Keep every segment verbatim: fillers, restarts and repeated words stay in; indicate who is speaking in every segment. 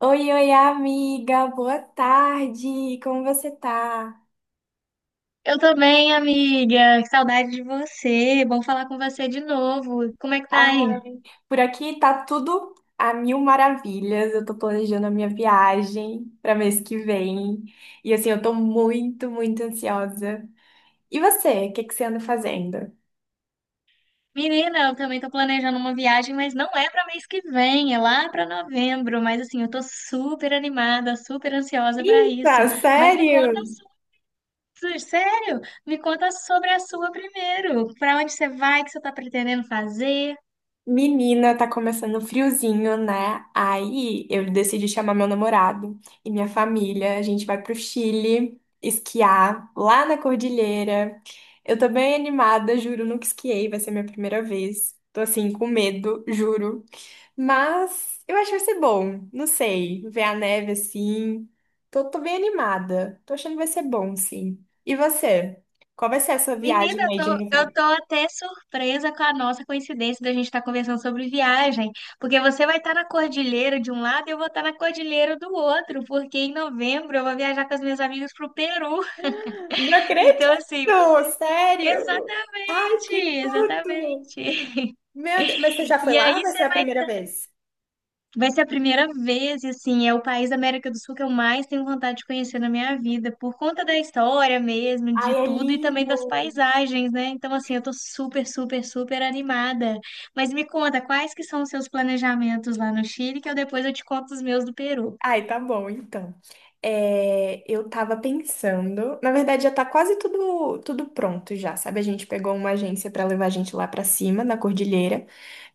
Speaker 1: Oi, oi, amiga, boa tarde, como você tá?
Speaker 2: Eu tô bem, amiga. Que saudade de você. Bom falar com você de novo. Como é que tá
Speaker 1: Ai,
Speaker 2: aí?
Speaker 1: por aqui tá tudo a mil maravilhas. Eu tô planejando a minha viagem para mês que vem e assim, eu tô muito, muito ansiosa. E você, o que que você anda fazendo?
Speaker 2: Menina, eu também tô planejando uma viagem, mas não é pra mês que vem, é lá pra novembro. Mas assim, eu tô super animada, super ansiosa pra isso.
Speaker 1: Eita,
Speaker 2: Mas me conta,
Speaker 1: sério?
Speaker 2: su- su- sério, me conta sobre a sua primeiro. Pra onde você vai, o que você tá pretendendo fazer?
Speaker 1: Menina, tá começando o friozinho, né? Aí eu decidi chamar meu namorado e minha família. A gente vai pro Chile esquiar lá na cordilheira. Eu tô bem animada, juro, nunca esquiei, vai ser minha primeira vez. Tô assim, com medo, juro. Mas eu acho que vai ser bom, não sei, ver a neve assim. Tô, tô bem animada, tô achando que vai ser bom, sim. E você? Qual vai ser a sua
Speaker 2: Menina,
Speaker 1: viagem
Speaker 2: eu
Speaker 1: aí de
Speaker 2: tô, eu
Speaker 1: novembro?
Speaker 2: tô até surpresa com a nossa coincidência da gente estar conversando sobre viagem, porque você vai estar na cordilheira de um lado e eu vou estar na cordilheira do outro, porque em novembro eu vou viajar com as minhas amigas pro Peru.
Speaker 1: Não acredito,
Speaker 2: Então, assim, vai ser
Speaker 1: sério. Ai,
Speaker 2: exatamente,
Speaker 1: que tudo.
Speaker 2: exatamente.
Speaker 1: Meu Deus, mas você já foi
Speaker 2: E aí,
Speaker 1: lá ou vai ser a primeira vez?
Speaker 2: vai ser a primeira vez, e assim, é o país da América do Sul que eu mais tenho vontade de conhecer na minha vida, por conta da história mesmo,
Speaker 1: Ai,
Speaker 2: de
Speaker 1: é
Speaker 2: tudo e também
Speaker 1: lindo.
Speaker 2: das paisagens, né? Então, assim, eu tô super, super, super animada. Mas me conta, quais que são os seus planejamentos lá no Chile, que eu depois eu te conto os meus do Peru.
Speaker 1: Ai, tá bom, então. É, eu tava pensando, na verdade já tá quase tudo tudo pronto já, sabe? A gente pegou uma agência pra levar a gente lá pra cima, na cordilheira.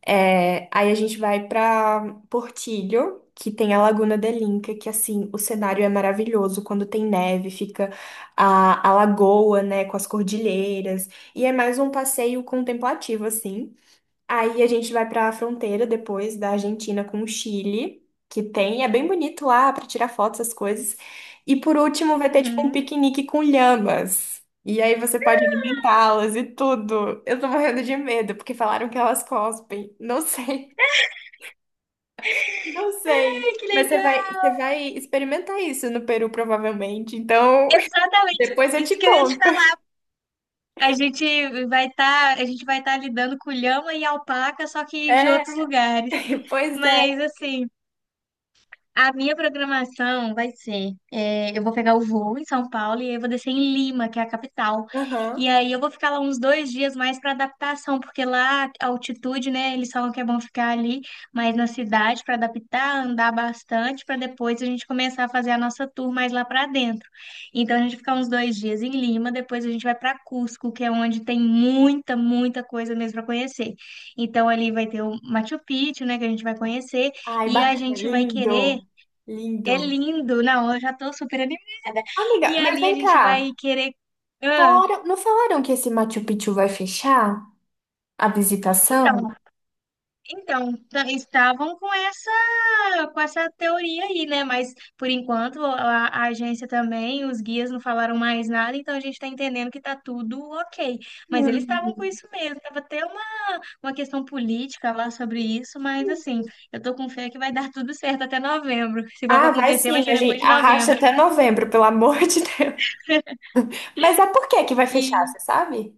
Speaker 1: É, aí a gente vai pra Portillo, que tem a Laguna de Linca, que assim, o cenário é maravilhoso. Quando tem neve, fica a, a lagoa, né, com as cordilheiras. E é mais um passeio contemplativo, assim. Aí a gente vai para a fronteira depois da Argentina com o Chile, que tem, é bem bonito lá para tirar fotos, essas coisas. E por último vai ter tipo um
Speaker 2: Uhum.
Speaker 1: piquenique com lhamas. E aí você pode alimentá-las e tudo. Eu tô morrendo de medo porque falaram que elas cospem. Não sei, não sei.
Speaker 2: Ai, que
Speaker 1: Mas você vai,
Speaker 2: legal!
Speaker 1: você vai experimentar isso no Peru provavelmente. Então,
Speaker 2: Exatamente
Speaker 1: depois eu
Speaker 2: isso
Speaker 1: te
Speaker 2: que eu ia te
Speaker 1: conto.
Speaker 2: falar. A gente vai estar, a gente vai estar lidando com lhama e alpaca, só que de
Speaker 1: É,
Speaker 2: outros lugares.
Speaker 1: pois é.
Speaker 2: Mas assim, a minha programação vai ser, é, eu vou pegar o voo em São Paulo e aí eu vou descer em Lima, que é a capital. E
Speaker 1: Aham.
Speaker 2: aí eu vou ficar lá uns dois dias mais para adaptação, porque lá a altitude, né? Eles falam que é bom ficar ali, mas na cidade para adaptar, andar bastante, para depois a gente começar a fazer a nossa tour mais lá para dentro. Então a gente fica uns dois dias em Lima, depois a gente vai para Cusco, que é onde tem muita, muita coisa mesmo para conhecer. Então ali vai ter o Machu Picchu, né? Que a gente vai conhecer
Speaker 1: Ai,
Speaker 2: e a
Speaker 1: bacana,
Speaker 2: gente vai querer
Speaker 1: lindo.
Speaker 2: é
Speaker 1: Lindo.
Speaker 2: lindo, não, eu já tô super animada.
Speaker 1: Amiga,
Speaker 2: E
Speaker 1: mas
Speaker 2: ali a
Speaker 1: vem
Speaker 2: gente
Speaker 1: cá.
Speaker 2: vai querer. Ah,
Speaker 1: Fora- não falaram que esse Machu Picchu vai fechar a visitação?
Speaker 2: então, então, t- estavam com essa, com essa teoria aí, né? Mas por enquanto a, a agência também, os guias não falaram mais nada, então a gente tá entendendo que tá tudo ok. Mas eles estavam com
Speaker 1: Hum.
Speaker 2: isso mesmo, tava até uma, uma questão política lá sobre isso, mas assim, eu tô com fé que vai dar tudo certo até novembro. Se for pra
Speaker 1: Ah, vai
Speaker 2: acontecer, vai
Speaker 1: sim,
Speaker 2: ser
Speaker 1: a gente
Speaker 2: depois de
Speaker 1: arrasta
Speaker 2: novembro.
Speaker 1: até novembro, pelo amor de Deus. Mas é por que que vai fechar, você sabe?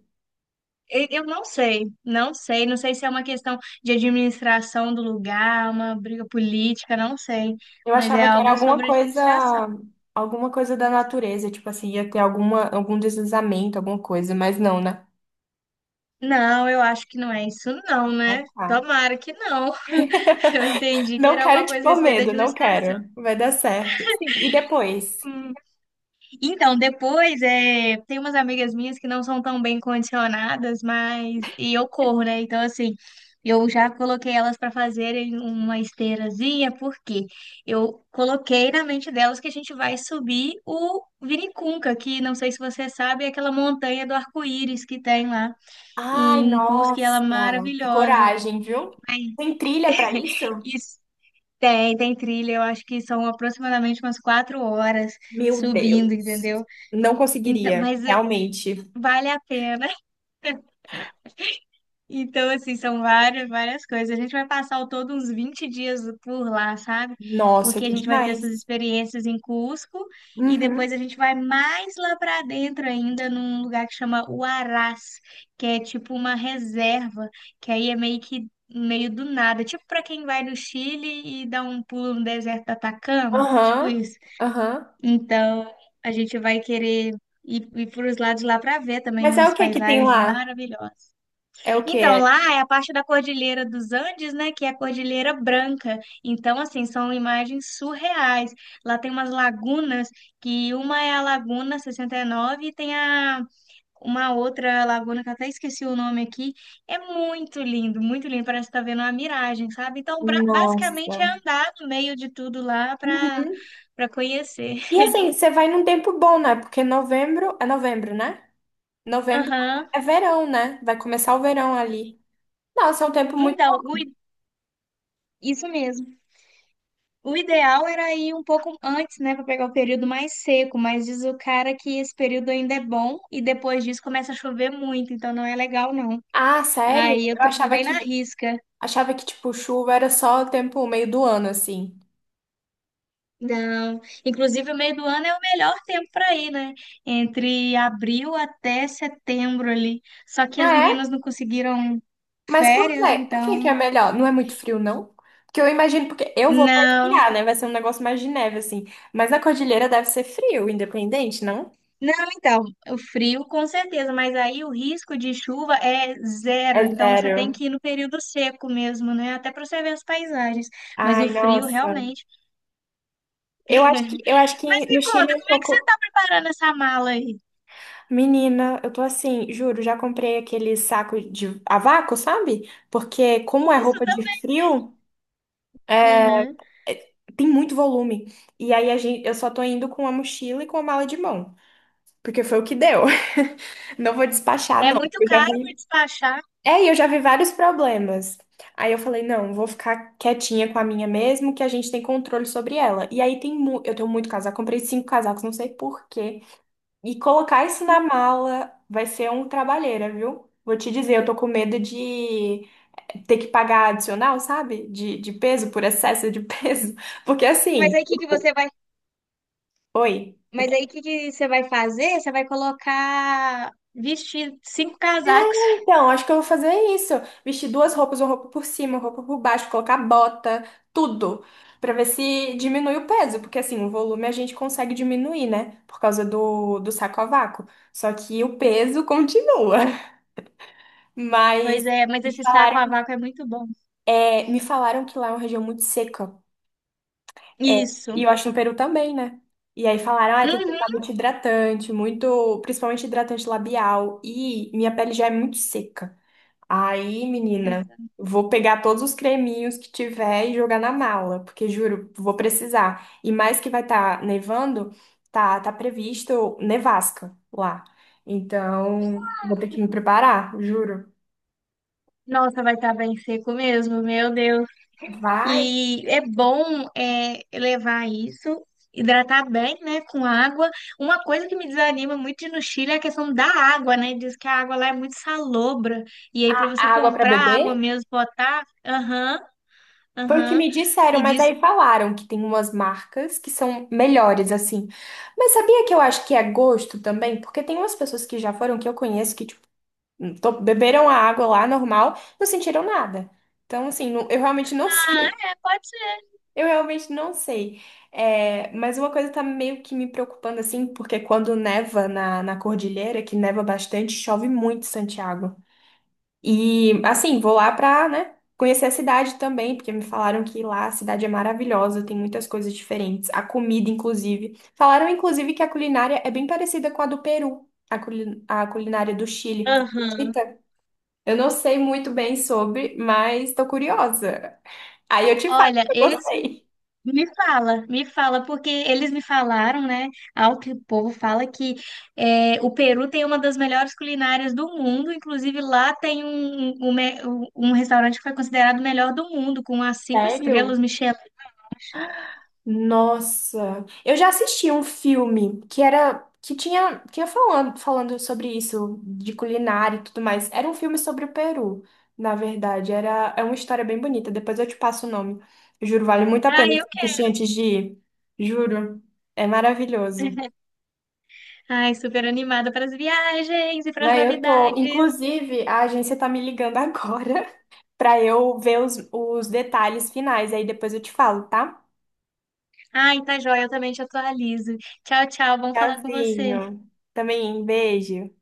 Speaker 2: E- Eu não sei, não sei, não sei se é uma questão de administração do lugar, uma briga política, não sei,
Speaker 1: Eu
Speaker 2: mas é
Speaker 1: achava que era
Speaker 2: algo
Speaker 1: alguma
Speaker 2: sobre
Speaker 1: coisa,
Speaker 2: administração.
Speaker 1: alguma coisa da natureza, tipo assim, ia ter alguma, algum deslizamento, alguma coisa, mas não, né?
Speaker 2: Não, eu acho que não é isso não,
Speaker 1: Ah,
Speaker 2: né?
Speaker 1: tá.
Speaker 2: Tomara que não. Eu entendi que
Speaker 1: Não
Speaker 2: era alguma
Speaker 1: quero te
Speaker 2: coisa a
Speaker 1: pôr
Speaker 2: respeito da
Speaker 1: medo, não
Speaker 2: administração.
Speaker 1: quero. Vai dar certo. Sim, e depois?
Speaker 2: Então, depois, é, tem umas amigas minhas que não são tão bem condicionadas, mas. E eu corro, né? Então, assim, eu já coloquei elas para fazerem uma esteirazinha, porque eu coloquei na mente delas que a gente vai subir o Vinicunca, que não sei se você sabe, é aquela montanha do arco-íris que tem lá
Speaker 1: Ai,
Speaker 2: em Cusco, e ela é
Speaker 1: nossa, que
Speaker 2: maravilhosa.
Speaker 1: coragem, viu?
Speaker 2: Aí,
Speaker 1: Tem trilha pra isso?
Speaker 2: isso. Tem, tem trilha, eu acho que são aproximadamente umas quatro horas
Speaker 1: Meu
Speaker 2: subindo,
Speaker 1: Deus.
Speaker 2: entendeu?
Speaker 1: Não
Speaker 2: Então,
Speaker 1: conseguiria,
Speaker 2: mas
Speaker 1: realmente.
Speaker 2: vale a pena. Então, assim, são várias, várias coisas. A gente vai passar ao todo uns vinte dias por lá, sabe?
Speaker 1: Nossa,
Speaker 2: Porque a
Speaker 1: que
Speaker 2: gente vai ter essas
Speaker 1: demais.
Speaker 2: experiências em Cusco e depois
Speaker 1: Uhum.
Speaker 2: a gente vai mais lá para dentro ainda, num lugar que chama Huaraz, que é tipo uma reserva, que aí é meio que meio do nada, tipo para quem vai no Chile e dá um pulo no deserto do Atacama, tipo
Speaker 1: Aham.
Speaker 2: isso.
Speaker 1: Aham.
Speaker 2: Então, a gente vai querer ir, ir para os lados lá para ver também
Speaker 1: Mas é o
Speaker 2: umas
Speaker 1: que que tem
Speaker 2: paisagens
Speaker 1: lá?
Speaker 2: maravilhosas.
Speaker 1: É o
Speaker 2: Então,
Speaker 1: que?
Speaker 2: lá é a parte da Cordilheira dos Andes, né, que é a Cordilheira Branca. Então, assim, são imagens surreais. Lá tem umas lagunas, que uma é a Laguna sessenta e nove e nove e tem a uma outra laguna que eu até esqueci o nome aqui. É muito lindo, muito lindo, parece que tá vendo uma miragem, sabe? Então, bra- basicamente
Speaker 1: Nossa.
Speaker 2: é andar no meio de tudo lá para
Speaker 1: Uhum.
Speaker 2: para conhecer.
Speaker 1: E assim, você vai num tempo bom, né? Porque novembro é novembro, né? Novembro
Speaker 2: Aham.
Speaker 1: é verão, né? Vai começar o verão ali. Nossa, é um tempo muito bom.
Speaker 2: Então, o- isso mesmo. O ideal era ir um pouco antes, né, para pegar o período mais seco, mas diz o cara que esse período ainda é bom e depois disso começa a chover muito, então não é legal não.
Speaker 1: Ah, sério?
Speaker 2: Aí eu
Speaker 1: Eu
Speaker 2: tô indo
Speaker 1: achava
Speaker 2: bem na
Speaker 1: que
Speaker 2: risca.
Speaker 1: achava que tipo chuva era só o tempo meio do ano assim.
Speaker 2: Não, inclusive o meio do ano é o melhor tempo para ir, né? Entre abril até setembro ali. Só que as
Speaker 1: Ah,
Speaker 2: meninas não conseguiram
Speaker 1: mas por
Speaker 2: férias,
Speaker 1: quê? Por que que é
Speaker 2: então
Speaker 1: melhor? Não é muito frio, não? Porque eu imagino, porque eu vou pra
Speaker 2: não.
Speaker 1: esquiar, né? Vai ser um negócio mais de neve, assim. Mas na cordilheira deve ser frio, independente, não?
Speaker 2: Não, então, o frio com certeza, mas aí o risco de chuva é
Speaker 1: É
Speaker 2: zero, então você
Speaker 1: zero.
Speaker 2: tem que ir no período seco mesmo, né? Até para você ver as paisagens, mas o
Speaker 1: Ai,
Speaker 2: frio
Speaker 1: nossa.
Speaker 2: realmente.
Speaker 1: Eu acho que, eu acho
Speaker 2: Mas
Speaker 1: que no
Speaker 2: me
Speaker 1: Chile
Speaker 2: conta,
Speaker 1: é um
Speaker 2: como é que você
Speaker 1: pouco.
Speaker 2: está preparando essa mala aí?
Speaker 1: Menina, eu tô assim, juro, já comprei aquele saco de a vácuo, sabe? Porque como é
Speaker 2: Isso
Speaker 1: roupa de frio,
Speaker 2: também. Uhum.
Speaker 1: é- tem muito volume. E aí a gente, eu só tô indo com a mochila e com a mala de mão. Porque foi o que deu. Não vou despachar,
Speaker 2: É
Speaker 1: não.
Speaker 2: muito
Speaker 1: Eu já
Speaker 2: caro para
Speaker 1: vi.
Speaker 2: despachar,
Speaker 1: É, e eu já vi vários problemas. Aí eu falei, não, vou ficar quietinha com a minha mesmo, que a gente tem controle sobre ela. E aí tem mu eu tenho muito casaco, comprei cinco casacos, não sei por quê. E colocar isso na mala vai ser um trabalheira, viu? Vou te dizer, eu tô com medo de ter que pagar adicional, sabe? De, de peso, por excesso de peso. Porque
Speaker 2: mas
Speaker 1: assim,
Speaker 2: aí o que que
Speaker 1: o- o-
Speaker 2: você vai,
Speaker 1: oi.
Speaker 2: mas aí o que que você vai fazer? Você vai colocar vestir cinco
Speaker 1: É,
Speaker 2: casacos.
Speaker 1: então, acho que eu vou fazer isso. Vestir duas roupas, uma roupa por cima, uma roupa por baixo, colocar bota, tudo, pra ver se diminui o peso, porque assim, o volume a gente consegue diminuir, né? Por causa do, do saco a vácuo. Só que o peso continua.
Speaker 2: Pois
Speaker 1: Mas
Speaker 2: é, mas
Speaker 1: me
Speaker 2: esse saco a
Speaker 1: falaram,
Speaker 2: vácuo é muito bom.
Speaker 1: é, me falaram que lá é uma região muito seca. É, e eu
Speaker 2: Isso.
Speaker 1: acho no Peru também, né? E aí falaram, ah, tem que
Speaker 2: Uhum.
Speaker 1: usar muito hidratante, muito, principalmente hidratante labial. E minha pele já é muito seca. Aí, menina, vou pegar todos os creminhos que tiver e jogar na mala, porque juro, vou precisar. E mais que vai estar nevando, tá, tá previsto nevasca lá. Então, vou ter que me preparar, juro.
Speaker 2: Nossa, vai estar bem seco mesmo, meu Deus.
Speaker 1: Vai
Speaker 2: E é bom é, levar isso, hidratar bem, né, com água. Uma coisa que me desanima muito de ir no Chile é a questão da água, né? Diz que a água lá é muito salobra. E aí, para você
Speaker 1: a água para
Speaker 2: comprar água
Speaker 1: beber?
Speaker 2: mesmo, botar, aham,
Speaker 1: Foi o que
Speaker 2: aham.
Speaker 1: me disseram,
Speaker 2: E
Speaker 1: mas
Speaker 2: diz,
Speaker 1: aí falaram que tem umas marcas que são melhores assim. Mas sabia que eu acho que é gosto também? Porque tem umas pessoas que já foram que eu conheço que to- beberam a água lá normal, não sentiram nada. Então, assim, não, eu realmente não
Speaker 2: ah,
Speaker 1: sei.
Speaker 2: é, pode ser.
Speaker 1: Eu realmente não sei. É, mas uma coisa tá meio que me preocupando, assim, porque quando neva na, na cordilheira, que neva bastante, chove muito em Santiago. E, assim, vou lá pra, né, conhecer a cidade também, porque me falaram que lá a cidade é maravilhosa, tem muitas coisas diferentes. A comida, inclusive. Falaram, inclusive, que a culinária é bem parecida com a do Peru, a, culi- a culinária do Chile.
Speaker 2: Aham.
Speaker 1: Acredita? Eu não sei muito bem sobre, mas tô curiosa. Aí eu te falo
Speaker 2: Olha,
Speaker 1: se eu
Speaker 2: eles
Speaker 1: gostei.
Speaker 2: me fala, me fala, porque eles me falaram, né? Ao que o povo fala que é, o Peru tem uma das melhores culinárias do mundo, inclusive lá tem um, um, um me- um um restaurante que foi considerado o melhor do mundo, com as cinco estrelas,
Speaker 1: Sério?
Speaker 2: Michelin.
Speaker 1: Nossa, eu já assisti um filme que era que tinha que ia falando falando sobre isso de culinária e tudo mais. Era um filme sobre o Peru, na verdade. Era É uma história bem bonita. Depois eu te passo o nome. Juro, vale muito a
Speaker 2: Ai,
Speaker 1: pena
Speaker 2: eu quero.
Speaker 1: assistir antes de ir. Juro, é maravilhoso.
Speaker 2: Ai, super animada para as viagens e para as
Speaker 1: Aí eu tô,
Speaker 2: novidades.
Speaker 1: inclusive, a agência tá me ligando agora, pra eu ver os, os detalhes finais. Aí depois eu te falo, tá?
Speaker 2: Ai, tá joia, eu também te atualizo. Tchau, tchau, vamos falar com você.
Speaker 1: Tchauzinho. Também, beijo.